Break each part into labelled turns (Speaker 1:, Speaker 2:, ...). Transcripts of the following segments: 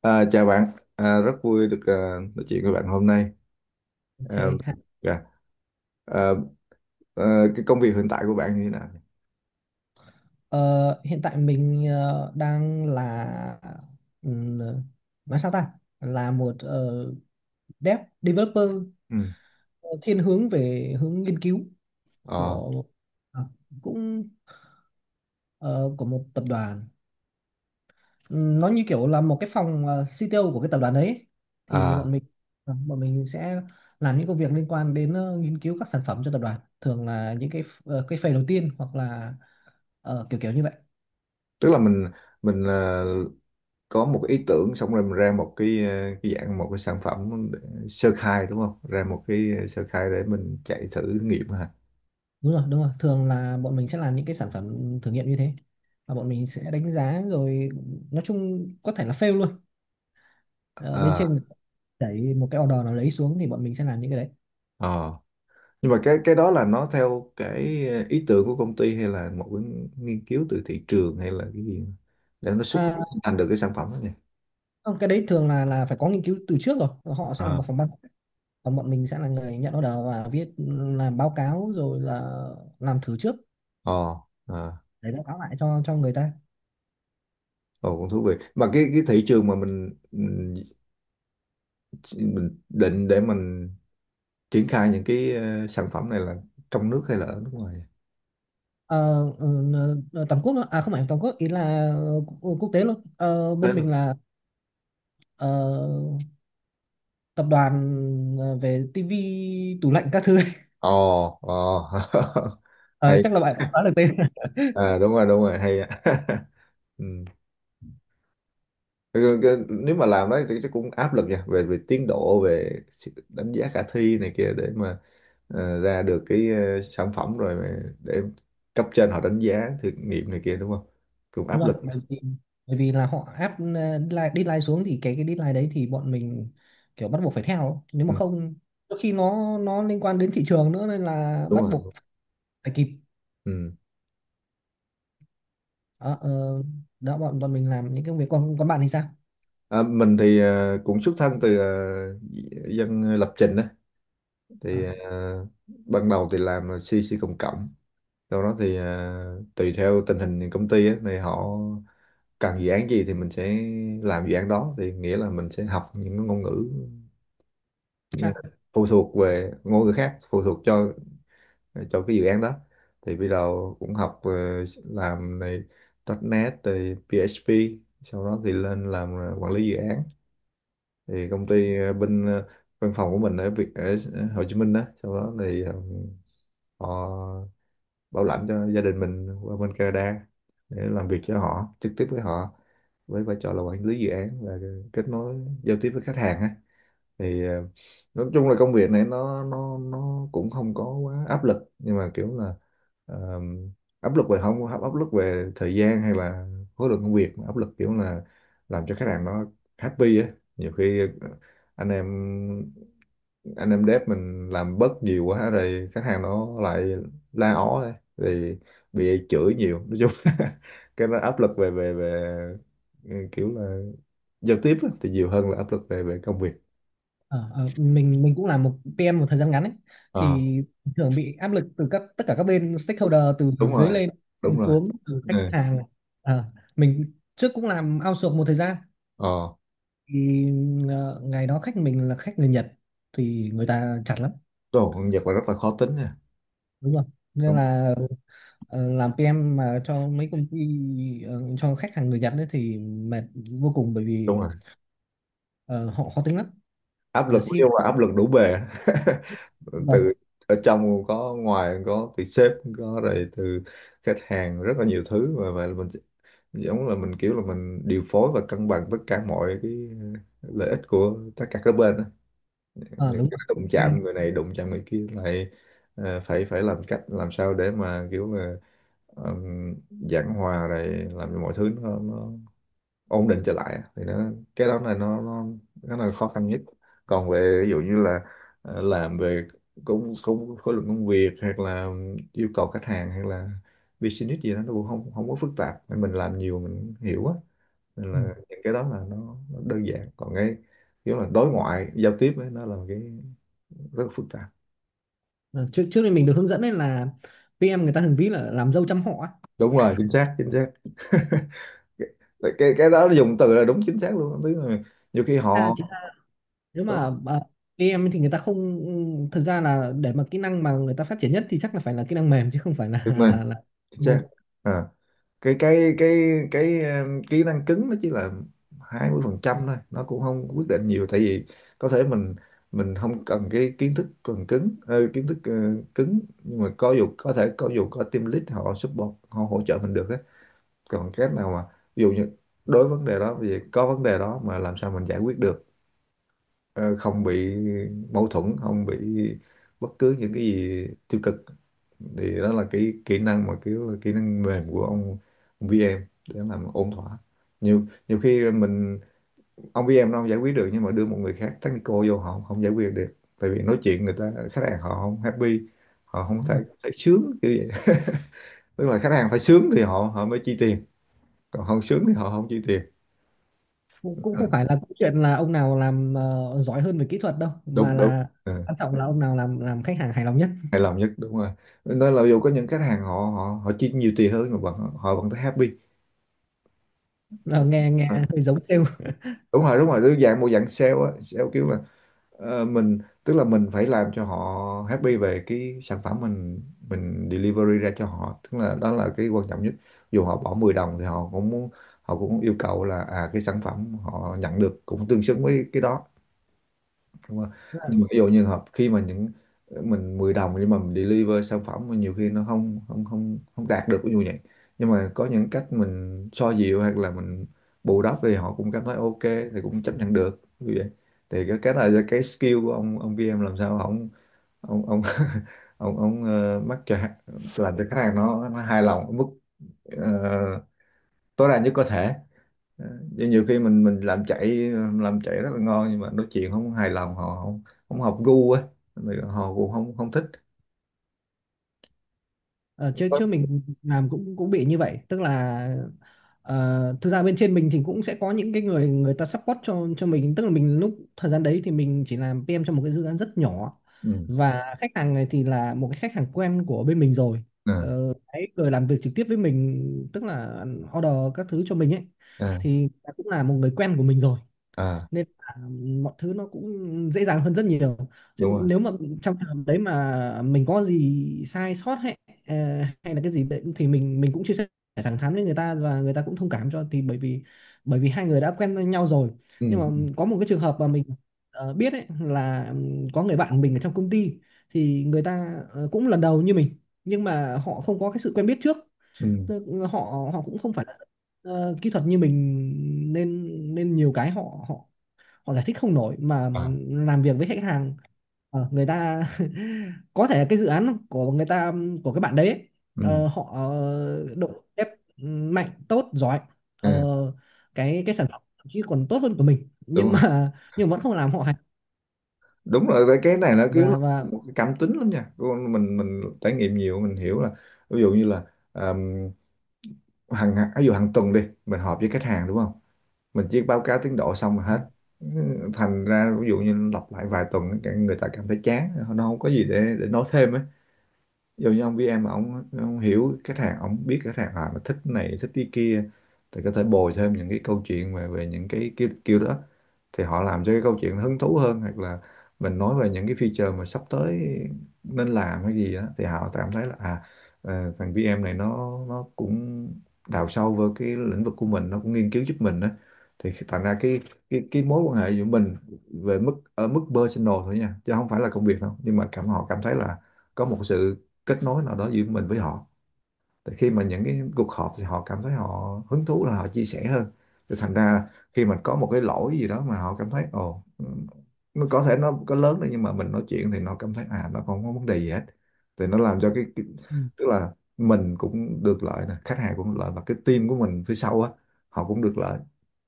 Speaker 1: Chào bạn, rất vui được nói chuyện với bạn hôm nay.
Speaker 2: Ok.
Speaker 1: À,
Speaker 2: Ha.
Speaker 1: dạ. À, cái công việc hiện tại của bạn như thế nào?
Speaker 2: Ờ, hiện tại mình đang là ừm, nói sao ta? Là một developer
Speaker 1: Ừ.
Speaker 2: ờ, thiên hướng về hướng nghiên cứu
Speaker 1: Ờ,
Speaker 2: của à, cũng ờ, của một tập đoàn. Nó như kiểu là một cái phòng CTO của cái tập đoàn đấy. Thì
Speaker 1: à,
Speaker 2: bọn mình sẽ làm những công việc liên quan đến nghiên cứu các sản phẩm cho tập đoàn. Thường là những cái phase đầu tiên hoặc là kiểu kiểu như vậy.
Speaker 1: Tức là mình có một cái ý tưởng xong rồi mình ra một cái cái dạng một cái sản phẩm sơ khai đúng không? Ra một cái sơ khai để mình chạy thử nghiệm hả?
Speaker 2: Đúng rồi, đúng rồi, thường là bọn mình sẽ làm những cái sản phẩm thử nghiệm như thế và bọn mình sẽ đánh giá rồi, nói chung có thể là fail luôn. Ờ, Bên
Speaker 1: À,
Speaker 2: trên đẩy một cái order nào lấy xuống thì bọn mình sẽ làm những cái đấy.
Speaker 1: ờ. Nhưng mà cái đó là nó theo cái ý tưởng của công ty hay là một cái nghiên cứu từ thị trường hay là cái gì để nó xuất
Speaker 2: à,
Speaker 1: thành được cái sản phẩm đó nhỉ?
Speaker 2: Không, cái đấy thường là phải có nghiên cứu từ trước rồi, họ sẽ là một phòng ban, còn bọn mình sẽ là người nhận order và viết, làm báo cáo rồi là làm thử trước
Speaker 1: Ồ, à,
Speaker 2: để báo cáo lại cho người ta.
Speaker 1: ồ cũng thú vị. Mà cái thị trường mà mình định để mình triển khai những cái sản phẩm này là trong nước hay là ở nước ngoài vậy?
Speaker 2: Ờ, ừ, Tầm quốc luôn, à không phải tầm quốc, ý là quốc quốc tế luôn. Ờ,
Speaker 1: Đấy
Speaker 2: Bên mình
Speaker 1: luôn.
Speaker 2: là ờ, tập đoàn về tivi tủ lạnh các thứ ấy.
Speaker 1: Ồ, ồ.
Speaker 2: Ờ,
Speaker 1: Hay.
Speaker 2: Chắc là bạn cũng đoán được tên.
Speaker 1: À đúng rồi, hay á. Ừ. Nếu mà làm đấy thì chắc cũng áp lực nha, về về tiến độ, về sự đánh giá khả thi này kia để mà ra được cái sản phẩm rồi mà để cấp trên họ đánh giá thử nghiệm này kia đúng không? Cũng
Speaker 2: Đúng
Speaker 1: áp
Speaker 2: rồi,
Speaker 1: lực.
Speaker 2: bởi vì là họ áp deadline, xuống thì cái deadline đấy thì bọn mình kiểu bắt buộc phải theo ấy. Nếu mà
Speaker 1: Ừ,
Speaker 2: không, đôi khi nó liên quan đến thị trường nữa nên là
Speaker 1: đúng
Speaker 2: bắt buộc
Speaker 1: rồi.
Speaker 2: phải kịp.
Speaker 1: Ừ.
Speaker 2: Đó, ờ, đó bọn bọn mình làm những công việc, còn còn bạn thì sao?
Speaker 1: Mình thì cũng xuất thân từ dân lập trình á thì ban đầu thì làm CC cộng cộng, sau đó thì tùy theo tình hình công ty á thì họ cần dự án gì thì mình sẽ làm dự án đó, thì nghĩa là mình sẽ học những cái ngôn ngữ ờ,
Speaker 2: à,
Speaker 1: phụ thuộc về ngôn ngữ khác phụ thuộc cho cái dự án đó. Thì bây giờ cũng học làm này .NET rồi PHP, sau đó thì lên làm quản lý dự án. Thì công ty văn phòng của mình ở Việt ở Hồ Chí Minh đó, sau đó thì họ bảo lãnh cho gia đình mình qua bên Canada để làm việc cho họ, trực tiếp với họ với vai trò là quản lý dự án và kết nối giao tiếp với khách hàng á. Thì nói chung là công việc này nó cũng không có quá áp lực, nhưng mà kiểu là ờ, áp lực về không áp lực về thời gian hay là khối lượng công việc, mà áp lực kiểu là làm cho khách hàng nó happy á. Nhiều khi anh em anh em dev mình làm bớt nhiều quá rồi khách hàng nó lại la ó đây thì bị chửi nhiều, nói chung cái nó áp lực về về về kiểu là giao tiếp á, thì nhiều hơn là áp lực về về công việc.
Speaker 2: Ờ, ờ, mình mình cũng là một PM một thời gian ngắn ấy,
Speaker 1: Ờ.
Speaker 2: thì thường bị áp lực từ các, tất cả các bên stakeholder, từ
Speaker 1: Đúng
Speaker 2: dưới
Speaker 1: rồi,
Speaker 2: lên, từ
Speaker 1: đúng rồi.
Speaker 2: xuống, từ khách
Speaker 1: Ừ.
Speaker 2: hàng. Ờ, mình trước cũng làm outsource một thời gian,
Speaker 1: Ờ,
Speaker 2: thì ngày đó khách mình là khách người Nhật, thì người ta chặt lắm,
Speaker 1: đúng rồi, con Nhật là rất là khó tính nha.
Speaker 2: đúng không, nên
Speaker 1: Đúng.
Speaker 2: là làm PM mà cho mấy công ty, cho khách hàng người Nhật đấy thì mệt vô cùng, bởi vì
Speaker 1: Đúng rồi,
Speaker 2: ờ, họ khó tính lắm,
Speaker 1: áp
Speaker 2: là
Speaker 1: lực
Speaker 2: ship
Speaker 1: nhưng mà áp lực đủ bề.
Speaker 2: vậy.
Speaker 1: Từ ở trong có, ngoài có, từ sếp có, rồi từ khách hàng, rất là nhiều thứ. Và vậy là mình giống là mình kiểu là mình điều phối và cân bằng tất cả mọi cái ờ, lợi ích của tất cả các bên á.
Speaker 2: Ờ,
Speaker 1: Những
Speaker 2: Đúng
Speaker 1: cái
Speaker 2: rồi.
Speaker 1: đụng chạm người này đụng chạm người kia lại phải phải làm cách làm sao để mà kiểu là um, giảng hòa rồi làm cho mọi thứ nó ổn định trở lại, thì nó cái đó là nó là khó khăn nhất. Còn về ví dụ như là làm về cũng cũng khối lượng công việc hoặc là yêu cầu khách hàng hay là business gì đó, nó cũng không không có phức tạp. Nên mình làm nhiều mình hiểu á, nên
Speaker 2: Ừ.
Speaker 1: là những cái đó là nó đơn giản. Còn cái kiểu là đối ngoại giao tiếp ấy, nó là một cái rất là phức tạp.
Speaker 2: Ờ, trước trước đây mình được hướng dẫn nên là PM người ta thường ví là làm dâu trăm họ á.
Speaker 1: Đúng rồi, chính xác, chính xác. Cái đó dùng từ là đúng, chính xác luôn. Tức là nhiều khi
Speaker 2: à,
Speaker 1: họ
Speaker 2: chỉ, Nếu
Speaker 1: có
Speaker 2: mà ờ, PM thì người ta không, thực ra là để mà kỹ năng mà người ta phát triển nhất thì chắc là phải là kỹ năng mềm, chứ không phải
Speaker 1: đúng
Speaker 2: là
Speaker 1: rồi,
Speaker 2: là
Speaker 1: chính xác.
Speaker 2: môn.
Speaker 1: À, cái cái cái cái kỹ năng cứng nó chỉ là 20% thôi, nó cũng không quyết định nhiều. Tại vì có thể mình không cần cái kiến thức cần cứng, kiến thức cứng, nhưng mà có dù có thể có dù có team lead họ support họ hỗ trợ mình được á. Còn cách nào mà ví dụ như đối vấn đề đó vì có vấn đề đó mà làm sao mình giải quyết được ờ, không bị mâu thuẫn, không bị bất cứ những cái gì tiêu cực, thì đó là cái kỹ năng mà kiểu là kỹ năng mềm của ông VM để làm ổn thỏa. Nhiều nhiều khi mình ông VM nó không giải quyết được, nhưng mà đưa một người khác technical vô họ không giải quyết được, tại vì nói chuyện người ta khách hàng họ không happy, họ không
Speaker 2: Đúng
Speaker 1: thấy,
Speaker 2: rồi.
Speaker 1: thấy sướng kiểu vậy. Tức là khách hàng phải sướng thì họ họ mới chi tiền, còn không sướng thì họ không chi tiền.
Speaker 2: Cũng cũng
Speaker 1: Ừ,
Speaker 2: không phải là câu chuyện là ông nào làm giỏi hơn về kỹ thuật đâu, mà
Speaker 1: đúng, đúng.
Speaker 2: là
Speaker 1: Ừ.
Speaker 2: quan trọng là ông nào làm, khách hàng hài lòng nhất.
Speaker 1: Hài lòng nhất, đúng rồi. Nên là dù có những khách hàng họ họ họ chi nhiều tiền hơn mà vẫn họ vẫn thấy happy.
Speaker 2: Ờ, nghe nghe
Speaker 1: Ờ.
Speaker 2: hơi giống sale.
Speaker 1: Đúng rồi, đúng rồi, tức dạng một dạng sale á, sale kiểu là ờ, mình tức là mình phải làm cho họ happy về cái sản phẩm mình delivery ra cho họ, tức là đó là cái quan trọng nhất. Dù họ bỏ 10 đồng thì họ cũng muốn, họ cũng yêu cầu là à cái sản phẩm họ nhận được cũng tương xứng với cái đó, đúng không? Nhưng mà ví dụ như hợp khi mà những mình 10 đồng nhưng mà mình deliver sản phẩm mà nhiều khi nó không không không không đạt được ví dụ vậy, nhưng mà có những cách mình xoa dịu hoặc là mình bù đắp thì họ cũng cảm thấy ok thì cũng chấp nhận được như vậy. Thì cái này là cái skill của ông kia em làm sao ông ông ờ, mắc cho làm cho khách hàng nó hài lòng ở mức ờ, tối đa nhất có thể. Ờ, nhưng nhiều khi mình làm chạy rất là ngon nhưng mà nói chuyện không hài lòng họ không không hợp gu á. Thì họ cũng không không thích.
Speaker 2: Ờ, chứ
Speaker 1: Có-
Speaker 2: chứ mình làm cũng cũng bị như vậy, tức là thực ra bên trên mình thì cũng sẽ có những cái người, người ta support cho mình, tức là mình lúc thời gian đấy thì mình chỉ làm PM cho một cái dự án rất nhỏ,
Speaker 1: ừ.
Speaker 2: và khách hàng này thì là một cái khách hàng quen của bên mình rồi.
Speaker 1: À,
Speaker 2: Đấy, người làm việc trực tiếp với mình, tức là order các thứ cho mình ấy,
Speaker 1: à,
Speaker 2: thì cũng là một người quen của mình rồi,
Speaker 1: à,
Speaker 2: nên là mọi thứ nó cũng dễ dàng hơn rất nhiều,
Speaker 1: đúng
Speaker 2: chứ
Speaker 1: rồi.
Speaker 2: nếu mà trong trường hợp đấy mà mình có gì sai sót, hay ờ, hay là cái gì đấy, thì mình cũng chia sẻ thẳng thắn với người ta, và người ta cũng thông cảm cho, thì bởi vì hai người đã quen với nhau rồi.
Speaker 1: Ừ.
Speaker 2: Nhưng
Speaker 1: Ừ,
Speaker 2: mà có một cái trường hợp mà mình biết ấy, là có người bạn mình ở trong công ty, thì người ta cũng lần đầu như mình, nhưng mà họ không có cái sự quen biết trước.
Speaker 1: ừ,
Speaker 2: Tức họ họ cũng không phải là kỹ thuật như mình, nên nên nhiều cái họ họ họ giải thích không nổi, mà
Speaker 1: à,
Speaker 2: làm việc với khách hàng, người ta có thể cái dự án của người ta, của các bạn đấy ấy,
Speaker 1: ừ,
Speaker 2: họ độ ép mạnh, tốt, giỏi, ờ,
Speaker 1: à,
Speaker 2: cái sản phẩm thậm chí còn tốt hơn của mình,
Speaker 1: đúng
Speaker 2: nhưng
Speaker 1: rồi,
Speaker 2: mà nhưng vẫn không làm họ hài.
Speaker 1: đúng rồi. Cái này nó kiểu là
Speaker 2: và và
Speaker 1: một cái cảm tính lắm nha. Con mình trải nghiệm nhiều mình hiểu là ví dụ như là um, hàng ví dụ hàng tuần đi mình họp với khách hàng đúng không, mình chỉ báo cáo tiến độ xong là hết, thành ra ví dụ như lặp lại vài tuần cái người ta cảm thấy chán nó không có gì để nói thêm á. Dù như ông BM mà ông hiểu khách hàng ông biết khách hàng à mà thích cái này thích cái kia, thì có thể bồi thêm những cái câu chuyện về về những cái kiểu đó, thì họ làm cho cái câu chuyện nó hứng thú hơn, hoặc là mình nói về những cái feature mà sắp tới nên làm cái gì đó, thì họ cảm thấy là à thằng BM này nó cũng đào sâu vào cái lĩnh vực của mình, nó cũng nghiên cứu giúp mình đó. Thì thành ra cái cái mối quan hệ giữa mình về mức ở mức personal thôi nha, chứ không phải là công việc đâu, nhưng mà cảm họ cảm thấy là có một sự kết nối nào đó giữa mình với họ, tại khi mà những cái cuộc họp thì họ cảm thấy họ hứng thú là họ chia sẻ hơn. Thì thành ra khi mình có một cái lỗi gì đó mà họ cảm thấy ồ, nó có thể nó có lớn đấy nhưng mà mình nói chuyện thì nó cảm thấy à nó không có vấn đề gì hết, thì nó làm cho cái
Speaker 2: ừ,
Speaker 1: tức là mình cũng được lợi nè, khách hàng cũng được lợi, và cái team của mình phía sau á họ cũng được lợi.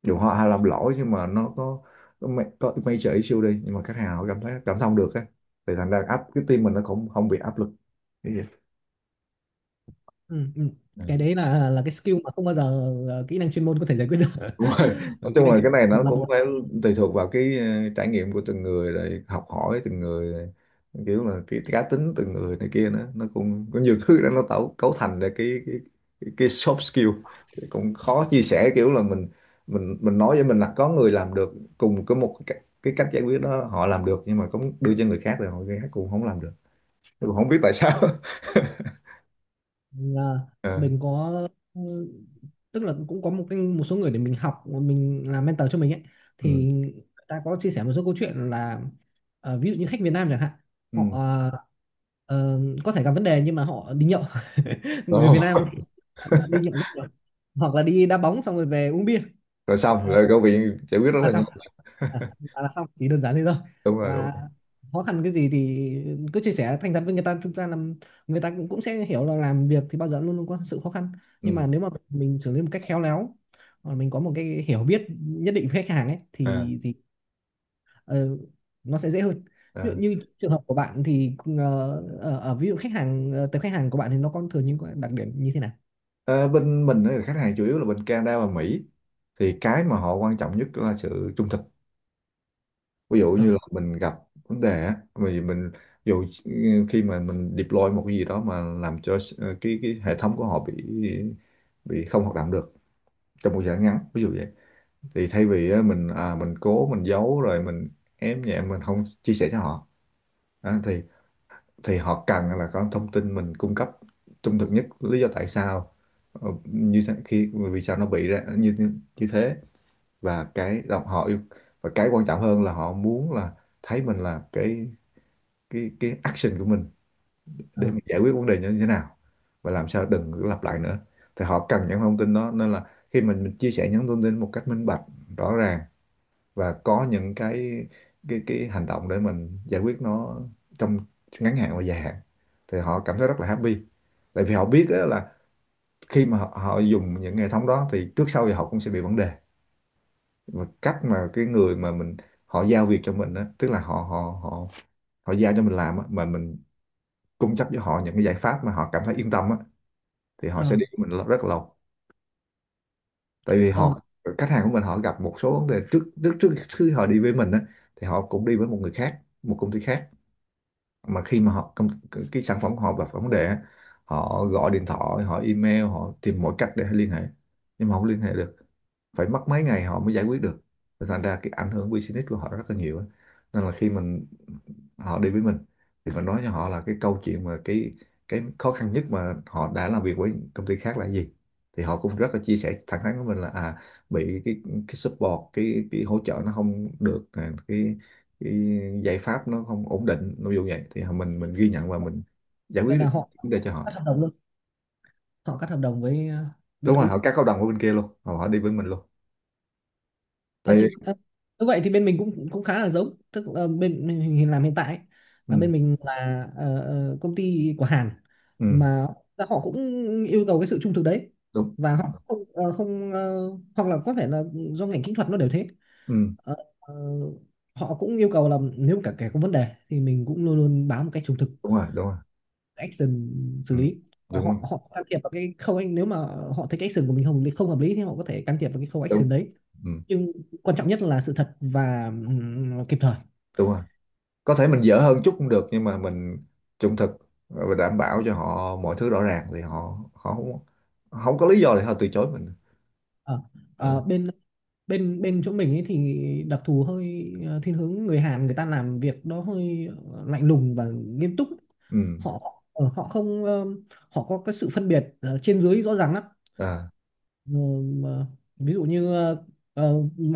Speaker 1: Dù họ hay làm lỗi nhưng mà nó có có major issue đi nhưng mà khách hàng họ cảm thấy cảm thông được á, thì thành ra áp cái team mình nó cũng không bị áp lực. Cái gì?
Speaker 2: ừ, ừ. cái đấy là cái skill mà không bao giờ kỹ năng chuyên môn có thể giải quyết được.
Speaker 1: Đúng rồi.
Speaker 2: Bởi
Speaker 1: Nói
Speaker 2: vì kỹ
Speaker 1: chung
Speaker 2: năng
Speaker 1: là
Speaker 2: chuyên
Speaker 1: cái này nó
Speaker 2: môn là
Speaker 1: cũng
Speaker 2: một,
Speaker 1: phải tùy thuộc vào cái trải nghiệm của từng người rồi học hỏi từng người rồi. Kiểu là cái cá tính từng người này kia nữa nó cũng có nhiều thứ đó nó tạo cấu thành ra cái soft skill. Thì cũng khó chia sẻ kiểu là mình nói với mình là có người làm được cùng cái một cái cách giải quyết đó họ làm được nhưng mà cũng đưa cho người khác rồi người khác cũng không làm được, tôi cũng không biết tại sao.
Speaker 2: là
Speaker 1: Ờ,
Speaker 2: mình có ừ, tức là cũng có một cái, một số người để mình học, mình làm mentor cho mình ấy,
Speaker 1: ừ,
Speaker 2: thì người ta có chia sẻ một số câu chuyện là ví dụ như khách Việt Nam chẳng hạn,
Speaker 1: ừ.
Speaker 2: họ có thể gặp vấn đề nhưng mà họ đi nhậu. Người
Speaker 1: Đúng.
Speaker 2: Việt Nam đi nhậu rất nhiều. Hoặc là đi đá bóng xong rồi về uống bia
Speaker 1: Rồi xong rồi câu chuyện giải quyết rất
Speaker 2: là
Speaker 1: là nhanh,
Speaker 2: xong. À, à, là xong, chỉ đơn giản thế thôi,
Speaker 1: đúng rồi đúng
Speaker 2: và
Speaker 1: rồi.
Speaker 2: khó khăn cái gì thì cứ chia sẻ thành thật với người ta, thực ra là người ta cũng cũng sẽ hiểu là làm việc thì bao giờ luôn luôn có sự khó khăn, nhưng
Speaker 1: Ừ.
Speaker 2: mà nếu mà mình xử lý một cách khéo léo, hoặc mình có một cái hiểu biết nhất định với khách hàng ấy,
Speaker 1: À.
Speaker 2: thì ờ, nó sẽ dễ hơn. Ví dụ
Speaker 1: À,
Speaker 2: như trường hợp của bạn thì ờ, ở, ở ví dụ khách hàng, tập khách hàng của bạn thì nó có thường những cái đặc điểm như thế nào?
Speaker 1: ờ, bên mình ấy, khách hàng chủ yếu là bên Canada và Mỹ, thì cái mà họ quan trọng nhất là sự trung thực. Ví dụ
Speaker 2: ờ
Speaker 1: như là mình gặp vấn đề á, mình ví dụ khi mà mình deploy một cái gì đó mà làm cho cái hệ thống của họ bị không hoạt động được trong một thời gian ngắn ví dụ vậy, thì thay vì á, mình cố mình giấu rồi mình ém nhẹm mình không chia sẻ cho họ. Đó, thì họ cần là có thông tin mình cung cấp trung thực nhất lý do tại sao như thế, khi vì sao nó bị ra như như như thế. Và cái đồng họ yêu và cái quan trọng hơn là họ muốn là thấy mình là cái action của mình
Speaker 2: ờ
Speaker 1: để mình giải quyết vấn đề như thế nào và làm sao đừng có lặp lại nữa, thì họ cần những thông tin đó. Nên là khi mình chia sẻ những thông tin một cách minh bạch, rõ ràng và có những cái hành động để mình giải quyết nó trong ngắn hạn và dài hạn, thì họ cảm thấy rất là happy. Tại vì họ biết á là khi mà họ dùng những hệ thống đó thì trước sau thì họ cũng sẽ bị vấn đề. Và cách mà cái người mà mình họ giao việc cho mình á, tức là họ họ họ họ giao cho mình làm á mà mình cung cấp cho họ những cái giải pháp mà họ cảm thấy yên tâm á, thì họ
Speaker 2: ờ
Speaker 1: sẽ đi với mình rất là lâu. Tại vì
Speaker 2: ờ
Speaker 1: họ, khách hàng của mình họ gặp một số vấn đề trước trước trước khi họ đi với mình á, thì họ cũng đi với một người khác, một công ty khác. Mà khi mà cái sản phẩm của họ gặp vấn đề á, họ gọi điện thoại, họ email, họ tìm mọi cách để liên hệ nhưng mà không liên hệ được, phải mất mấy ngày họ mới giải quyết được. Và thành ra cái ảnh hưởng business của họ rất là nhiều á. Nên là khi mình, họ đi với mình thì mình nói cho họ là cái câu chuyện mà cái khó khăn nhất mà họ đã làm việc với công ty khác là gì, thì họ cũng rất là chia sẻ thẳng thắn với mình là à, bị cái support, cái hỗ trợ nó không được à, cái giải pháp nó không ổn định ví dụ vậy, thì mình ghi nhận và mình giải
Speaker 2: Vậy
Speaker 1: quyết
Speaker 2: là
Speaker 1: được
Speaker 2: họ
Speaker 1: vấn đề cho
Speaker 2: cắt
Speaker 1: họ.
Speaker 2: hợp đồng luôn, họ cắt hợp đồng với bên
Speaker 1: Đúng rồi, họ
Speaker 2: cũ.
Speaker 1: cắt hợp đồng ở bên kia luôn, họ họ đi với mình luôn.
Speaker 2: Ờ,
Speaker 1: Tại
Speaker 2: thì
Speaker 1: vì
Speaker 2: như vậy thì bên mình cũng cũng khá là giống, tức là bên mình làm hiện tại ấy, là
Speaker 1: ừ,
Speaker 2: bên mình là công ty của Hàn,
Speaker 1: ừ,
Speaker 2: mà họ cũng yêu cầu cái sự trung thực đấy,
Speaker 1: đúng.
Speaker 2: và họ không ờ, không ờ, hoặc là có thể là do ngành kỹ thuật nó đều thế.
Speaker 1: Ừ,
Speaker 2: Ờ, ờ, Họ cũng yêu cầu là nếu cả kẻ có vấn đề thì mình cũng luôn luôn báo một cách trung thực,
Speaker 1: đúng rồi, đúng rồi.
Speaker 2: action xử
Speaker 1: Ừ,
Speaker 2: lý, và
Speaker 1: đúng rồi.
Speaker 2: họ họ can thiệp vào cái khâu, anh nếu mà họ thấy cái action của mình không không hợp lý thì họ có thể can thiệp vào cái khâu
Speaker 1: Đúng.
Speaker 2: action đấy,
Speaker 1: Ừ,
Speaker 2: nhưng quan trọng nhất là sự thật và kịp thời.
Speaker 1: đúng rồi. Có thể mình dở hơn chút cũng được nhưng mà mình trung thực và đảm bảo cho họ mọi thứ rõ ràng thì họ họ không, không có lý do để họ từ chối mình.
Speaker 2: Ờ,
Speaker 1: Ừ.
Speaker 2: ờ, bên bên bên chỗ mình ấy thì đặc thù hơi thiên hướng người Hàn, người ta làm việc đó hơi lạnh lùng và nghiêm túc.
Speaker 1: Ừ.
Speaker 2: Họ ờ, họ không ờ, họ có cái sự phân biệt trên dưới rõ ràng lắm.
Speaker 1: À.
Speaker 2: Ờ, mà ví dụ như ờ,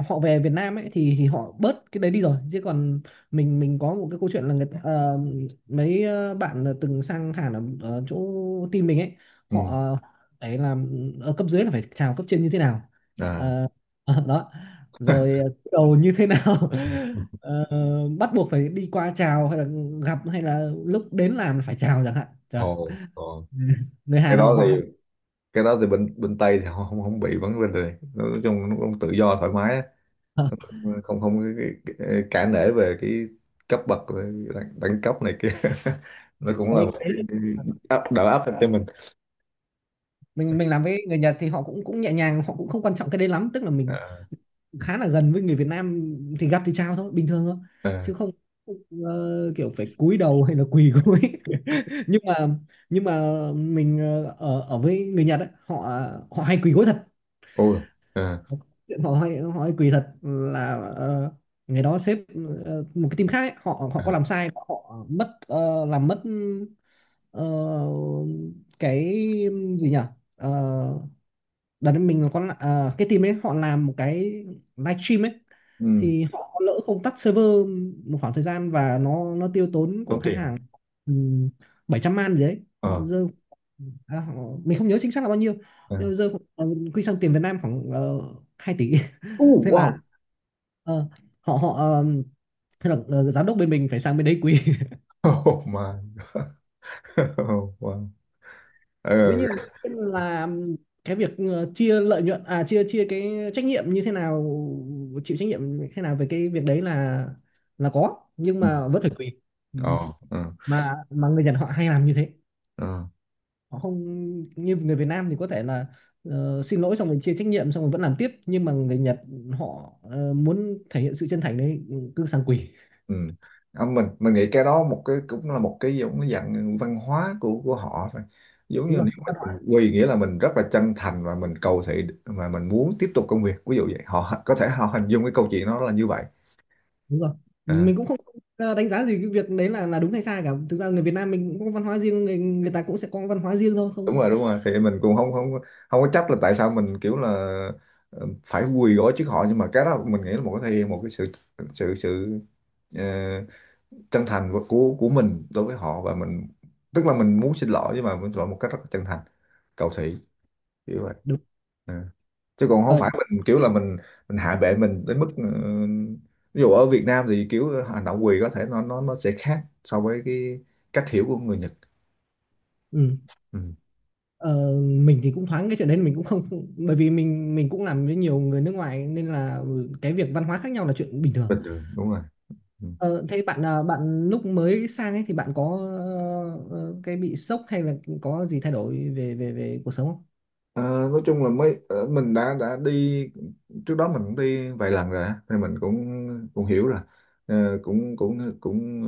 Speaker 2: họ về Việt Nam ấy thì họ bớt cái đấy đi rồi, chứ còn mình, có một cái câu chuyện là mấy bạn là từng sang Hàn ở, chỗ team mình ấy, họ,
Speaker 1: Ừ.
Speaker 2: ấy là ở cấp dưới là phải chào cấp trên như thế nào.
Speaker 1: À.
Speaker 2: Ờ, Đó, rồi cúi đầu như thế nào. Ờ, Bắt buộc phải đi qua chào, hay là gặp, hay là lúc đến làm phải chào chẳng hạn. Trời.
Speaker 1: Ồ. Ồ.
Speaker 2: Người
Speaker 1: Cái
Speaker 2: Hàn
Speaker 1: đó
Speaker 2: họ họ
Speaker 1: thì cái đó thì bên bên Tây thì họ không không bị vấn đề này. Nói chung nó cũng tự do thoải mái, nó
Speaker 2: họ-
Speaker 1: cũng không không cả nể về cái cấp bậc, về đẳng cấp này kia. Nó cũng là một
Speaker 2: đấy.
Speaker 1: cái áp, áp lực cho mình.
Speaker 2: Mình làm với người Nhật thì họ cũng cũng nhẹ nhàng, họ cũng không quan trọng cái đấy lắm, tức là mình
Speaker 1: À,
Speaker 2: khá là gần với người Việt Nam, thì gặp thì chào thôi, bình thường thôi,
Speaker 1: à,
Speaker 2: chứ không kiểu phải cúi đầu hay là quỳ gối. Nhưng mà nhưng mà mình, ờ, ở ở với người Nhật ấy, họ họ hay quỳ gối thật.
Speaker 1: ôi, à,
Speaker 2: Họ hay quỳ thật, là ngày đó sếp một cái team khác ấy, họ họ có
Speaker 1: à,
Speaker 2: làm sai, họ mất, làm mất ờ, cái gì nhỉ. Ờ, Đợt đấy mình có cái team ấy họ làm một cái livestream ấy,
Speaker 1: ừ,
Speaker 2: thì họ có lỡ không tắt server một khoảng thời gian, và nó tiêu tốn
Speaker 1: tốn
Speaker 2: của khách
Speaker 1: tiền.
Speaker 2: hàng um, 700 man gì đấy
Speaker 1: Ờ.
Speaker 2: rơi. à, họ, mình không nhớ chính xác là bao nhiêu,
Speaker 1: À,
Speaker 2: nhưng rơi quy sang tiền Việt Nam khoảng uh, 2 tỷ. Thế là,
Speaker 1: wow.
Speaker 2: ờ, họ họ ờ, thế là giám đốc bên mình phải sang bên đấy quý,
Speaker 1: Oh my. Wow. Ờ.
Speaker 2: dĩ nhiên là cái việc chia lợi nhuận, à chia chia cái trách nhiệm như thế nào, chịu trách nhiệm như thế nào về cái việc đấy là có, nhưng
Speaker 1: Ừ,
Speaker 2: mà vẫn phải tùy. Ừ.
Speaker 1: ờ. Ờ.
Speaker 2: Mà người Nhật họ hay làm như thế,
Speaker 1: Ờ.
Speaker 2: họ không như người Việt Nam thì có thể là xin lỗi xong rồi chia trách nhiệm xong rồi vẫn làm tiếp, nhưng mà người Nhật họ muốn thể hiện sự chân thành đấy, cứ sang quỳ.
Speaker 1: Ừ. À, mình nghĩ cái đó một cái cũng là một cái giống cái dạng văn hóa của họ thôi. Giống như
Speaker 2: Đúng rồi,
Speaker 1: nếu mà mình quy nghĩa là mình rất là chân thành và mình cầu thị mà mình muốn tiếp tục công việc ví dụ vậy, họ có thể họ hình dung cái câu chuyện đó là như vậy.
Speaker 2: đúng rồi,
Speaker 1: À,
Speaker 2: mình cũng không đánh giá gì cái việc đấy là đúng hay sai cả, thực ra người Việt Nam mình cũng có văn hóa riêng, người người ta cũng sẽ có văn hóa riêng thôi,
Speaker 1: đúng
Speaker 2: không
Speaker 1: rồi đúng rồi, thì mình cũng không không không có trách là tại sao mình kiểu là phải quỳ gối trước họ, nhưng mà cái đó mình nghĩ là một cái thể hiện một cái sự sự sự ờ, chân thành của mình đối với họ, và mình, tức là mình muốn xin lỗi nhưng mà mình xin lỗi một cách rất là chân thành, cầu thị, kiểu vậy.
Speaker 2: đúng.
Speaker 1: À. Chứ còn không
Speaker 2: ờ,
Speaker 1: phải mình kiểu là mình hạ bệ mình đến mức ví dụ ở Việt Nam thì kiểu hành động quỳ có thể nó sẽ khác so với cái cách hiểu của người Nhật.
Speaker 2: ừ.
Speaker 1: Ừ.
Speaker 2: Ờ, mình thì cũng thoáng cái chuyện đấy, mình cũng không, bởi vì mình cũng làm với nhiều người nước ngoài nên là cái việc văn hóa khác nhau là chuyện bình thường.
Speaker 1: Bình thường đúng rồi. Ừ.
Speaker 2: Ờ, Thế bạn, ờ, bạn lúc mới sang ấy thì bạn có cái bị sốc hay là có gì thay đổi về về về cuộc sống không?
Speaker 1: Ờ, nói chung là mình đã đi, trước đó mình cũng đi vài lần rồi á, thì mình cũng cũng hiểu rồi. Ờ, cũng cũng cũng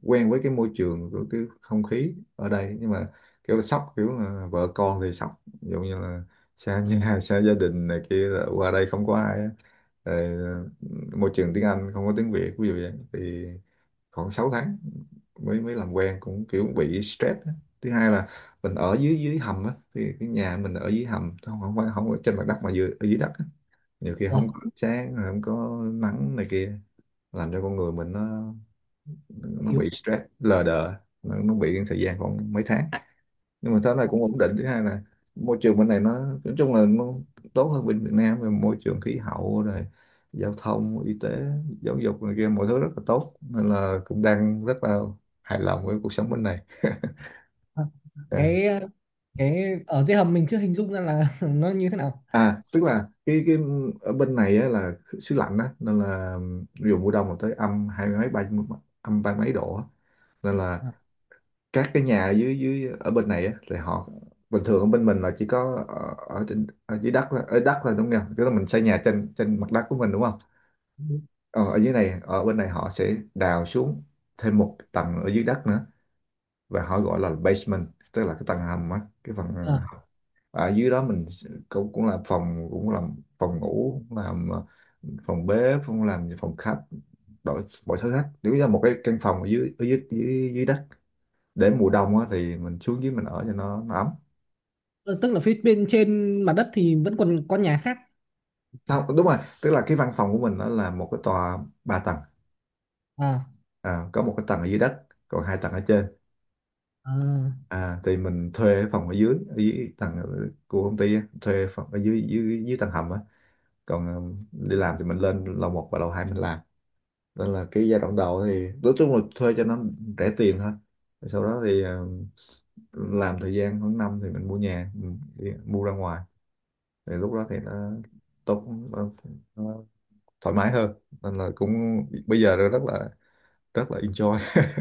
Speaker 1: ờ, quen với cái môi trường của cái không khí ở đây, nhưng mà kiểu là sốc, kiểu là vợ con thì sốc, ví dụ như là xa nhà xa gia đình này kia, là qua đây không có ai á. Rồi, ờ, môi trường tiếng Anh không có tiếng Việt ví dụ vậy, thì khoảng 6 tháng mới mới làm quen cũng kiểu bị stress á. Thứ hai là mình ở dưới, dưới hầm á, thì cái nhà mình ở dưới hầm, không không phải không ở trên mặt đất mà dưới, ở dưới đất á. Nhiều khi
Speaker 2: Ủa,
Speaker 1: không có ánh sáng rồi không có nắng này kia, làm cho con người mình nó
Speaker 2: yếu.
Speaker 1: bị stress lờ đờ. Nó bị thời gian khoảng mấy tháng, nhưng mà thế này cũng ổn định. Thứ hai là môi trường bên này nói chung là nó tốt hơn bên Việt Nam về môi trường, khí hậu rồi giao thông, y tế, giáo dục này kia, mọi thứ rất là tốt, nên là cũng đang rất là hài lòng với cuộc sống bên này.
Speaker 2: Ờ, cái ở dưới hầm mình chưa hình dung ra là nó như thế nào.
Speaker 1: À, tức là cái ở bên này á, là xứ lạnh á nên là ví dụ mùa đông là tới âm hai mấy, ba, âm ba mấy độ á. Nên là
Speaker 2: Ờ.
Speaker 1: các cái nhà dưới dưới ở bên này á thì họ, bình thường ở bên mình là chỉ có ở trên, ở dưới đất là- ở đất là đúng không? Tức là mình xây nhà trên trên mặt đất của mình, đúng không?
Speaker 2: Ờ,
Speaker 1: Ờ, ở dưới này, ở bên này họ sẽ đào xuống thêm một tầng ở dưới đất nữa, và họ gọi là basement, tức là cái tầng hầm á, cái phần à, ở dưới đó mình cũng cũng làm phòng, cũng làm phòng ngủ, cũng làm phòng bếp, cũng làm phòng khách, đổi bộ sổ sách nếu như là một cái căn phòng ở dưới, dưới đất, để mùa đông á, thì mình xuống dưới mình ở cho nó ấm.
Speaker 2: ờ, Tức là phía bên trên mặt đất thì vẫn còn có nhà khác.
Speaker 1: Sao đúng rồi, tức là cái văn phòng của mình nó là một cái tòa 3 tầng.
Speaker 2: À,
Speaker 1: À, có một cái tầng ở dưới đất còn 2 tầng ở trên.
Speaker 2: à,
Speaker 1: À, thì mình thuê cái phòng ở dưới, ở dưới tầng của công ty á, thuê phòng ở dưới, dưới tầng hầm á. Còn ờ, đi làm thì mình lên lầu 1 và lầu 2 mình làm. Nên là cái giai đoạn đầu thì nói chung là thuê cho nó rẻ tiền thôi. Sau đó thì ờ, làm thời gian khoảng năm thì mình mua nhà, mình đi- mua ra ngoài, thì lúc đó thì nó tốt, nó, nó thoải mái hơn, nên là cũng bây giờ rất là enjoy.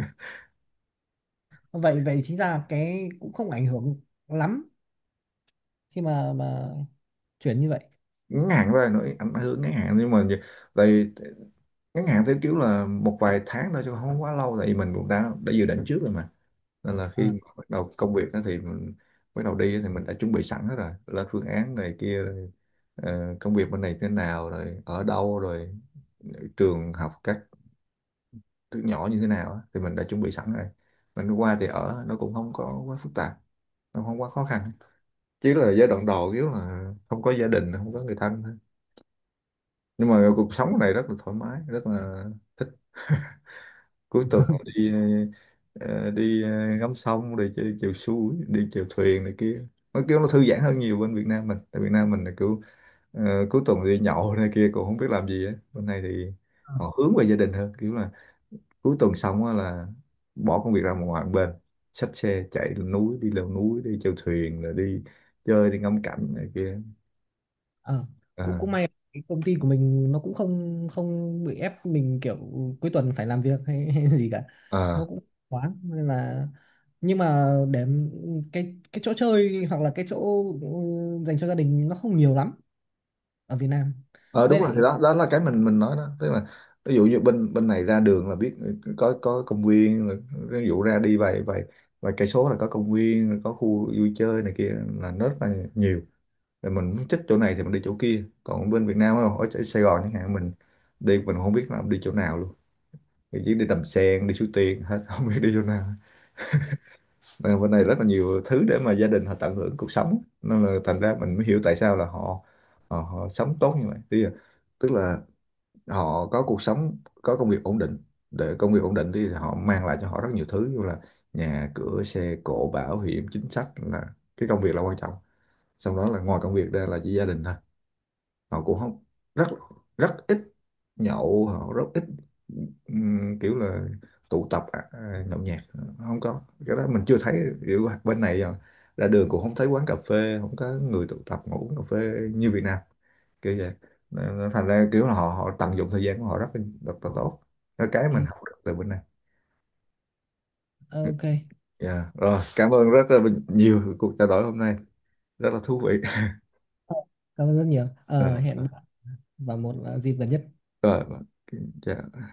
Speaker 2: vậy vậy chính ra cái cũng không ảnh hưởng lắm khi mà chuyển như vậy.
Speaker 1: Ngắn hạn thôi, nói ảnh hưởng ngắn hạn nhưng mà tại ngắn hạn theo kiểu là một vài tháng thôi chứ không quá lâu, tại vì mình cũng đã dự định trước rồi mà, nên là khi
Speaker 2: À,
Speaker 1: mà bắt đầu công việc á thì bắt đầu đi á thì mình đã chuẩn bị sẵn hết rồi, lên phương án này kia rồi, ờ, công việc bên này thế nào rồi, ở đâu rồi, trường học các thứ nhỏ như thế nào á, thì mình đã chuẩn bị sẵn rồi. Mình qua thì ở nó cũng không có quá phức tạp, nó không quá khó khăn, chỉ là giai đoạn đầu kiểu là không có gia đình, không có người thân thôi. Nhưng mà cuộc sống này rất là thoải mái, rất là cuối tuần đi ờ, đi ngắm sông, đi chơi chèo suối, đi chèo thuyền này kia, nó kiểu nó thư giãn hơn nhiều bên Việt Nam. Mình tại Việt Nam mình là kiểu ờ, cuối tuần đi nhậu này kia cũng không biết làm gì á. Bên này thì
Speaker 2: à,
Speaker 1: họ hướng về gia đình hơn, kiểu là cuối tuần xong á là bỏ công việc ra ngoài một bên, xách xe chạy lên núi đi leo núi, đi chèo thuyền rồi đi chơi, đi ngắm cảnh này kia.
Speaker 2: à. Cũng
Speaker 1: Ờ.
Speaker 2: cũng may cái công ty của mình nó cũng không không bị ép mình kiểu cuối tuần phải làm việc hay, hay gì cả,
Speaker 1: Ờ.
Speaker 2: nó cũng thoáng nên là. Nhưng mà để, cái chỗ chơi hoặc là cái chỗ dành cho gia đình nó không nhiều lắm ở Việt Nam,
Speaker 1: Ờ
Speaker 2: với
Speaker 1: đúng rồi, thì
Speaker 2: lại
Speaker 1: đó đó là cái mình nói đó, tức là ví dụ như bên bên này ra đường là biết có công viên rồi, ví dụ ra đi vài vài vài cây số là có công viên rồi, có khu vui chơi này kia, là nó rất là nhiều. Rồi mình muốn thích chỗ này thì mình đi chỗ kia, còn bên Việt Nam không, ở ở Sài Gòn chẳng hạn mình đi mình không biết là đi chỗ nào luôn, thì chỉ đi Đầm Sen, đi Suối Tiên hết không biết đi chỗ nào. Nên là bên này rất là nhiều thứ để mà gia đình họ tận hưởng cuộc sống, nên là thành ra mình mới hiểu tại sao là họ họ, họ sống tốt như vậy. Tức là họ có cuộc sống, có công việc ổn định, để công việc ổn định thì họ mang lại cho họ rất nhiều thứ như là nhà cửa, xe cộ, bảo hiểm, chính sách, là cái công việc là quan trọng. Xong đó là ngoài công việc ra là chỉ gia đình thôi, họ cũng không, rất rất ít nhậu, họ rất ít kiểu là tụ tập à, à, nhậu nhẹt, không có cái đó mình chưa thấy kiểu bên này à, ra đường cũng không thấy quán cà phê, không có người tụ tập ngồi uống cà phê như Việt Nam kiểu vậy. Nên thành ra kiểu là họ họ tận dụng thời gian của họ rất là tốt, cái
Speaker 2: ừ,
Speaker 1: mình học được từ bên này.
Speaker 2: ok.
Speaker 1: Dạ, rồi cảm ơn rất là nhiều cuộc trao đổi hôm nay rất là thú vị.
Speaker 2: Ờ, Cảm ơn rất nhiều. Ờ, hẹn bạn vào một dịp gần nhất.
Speaker 1: Rồi rồi, dạ.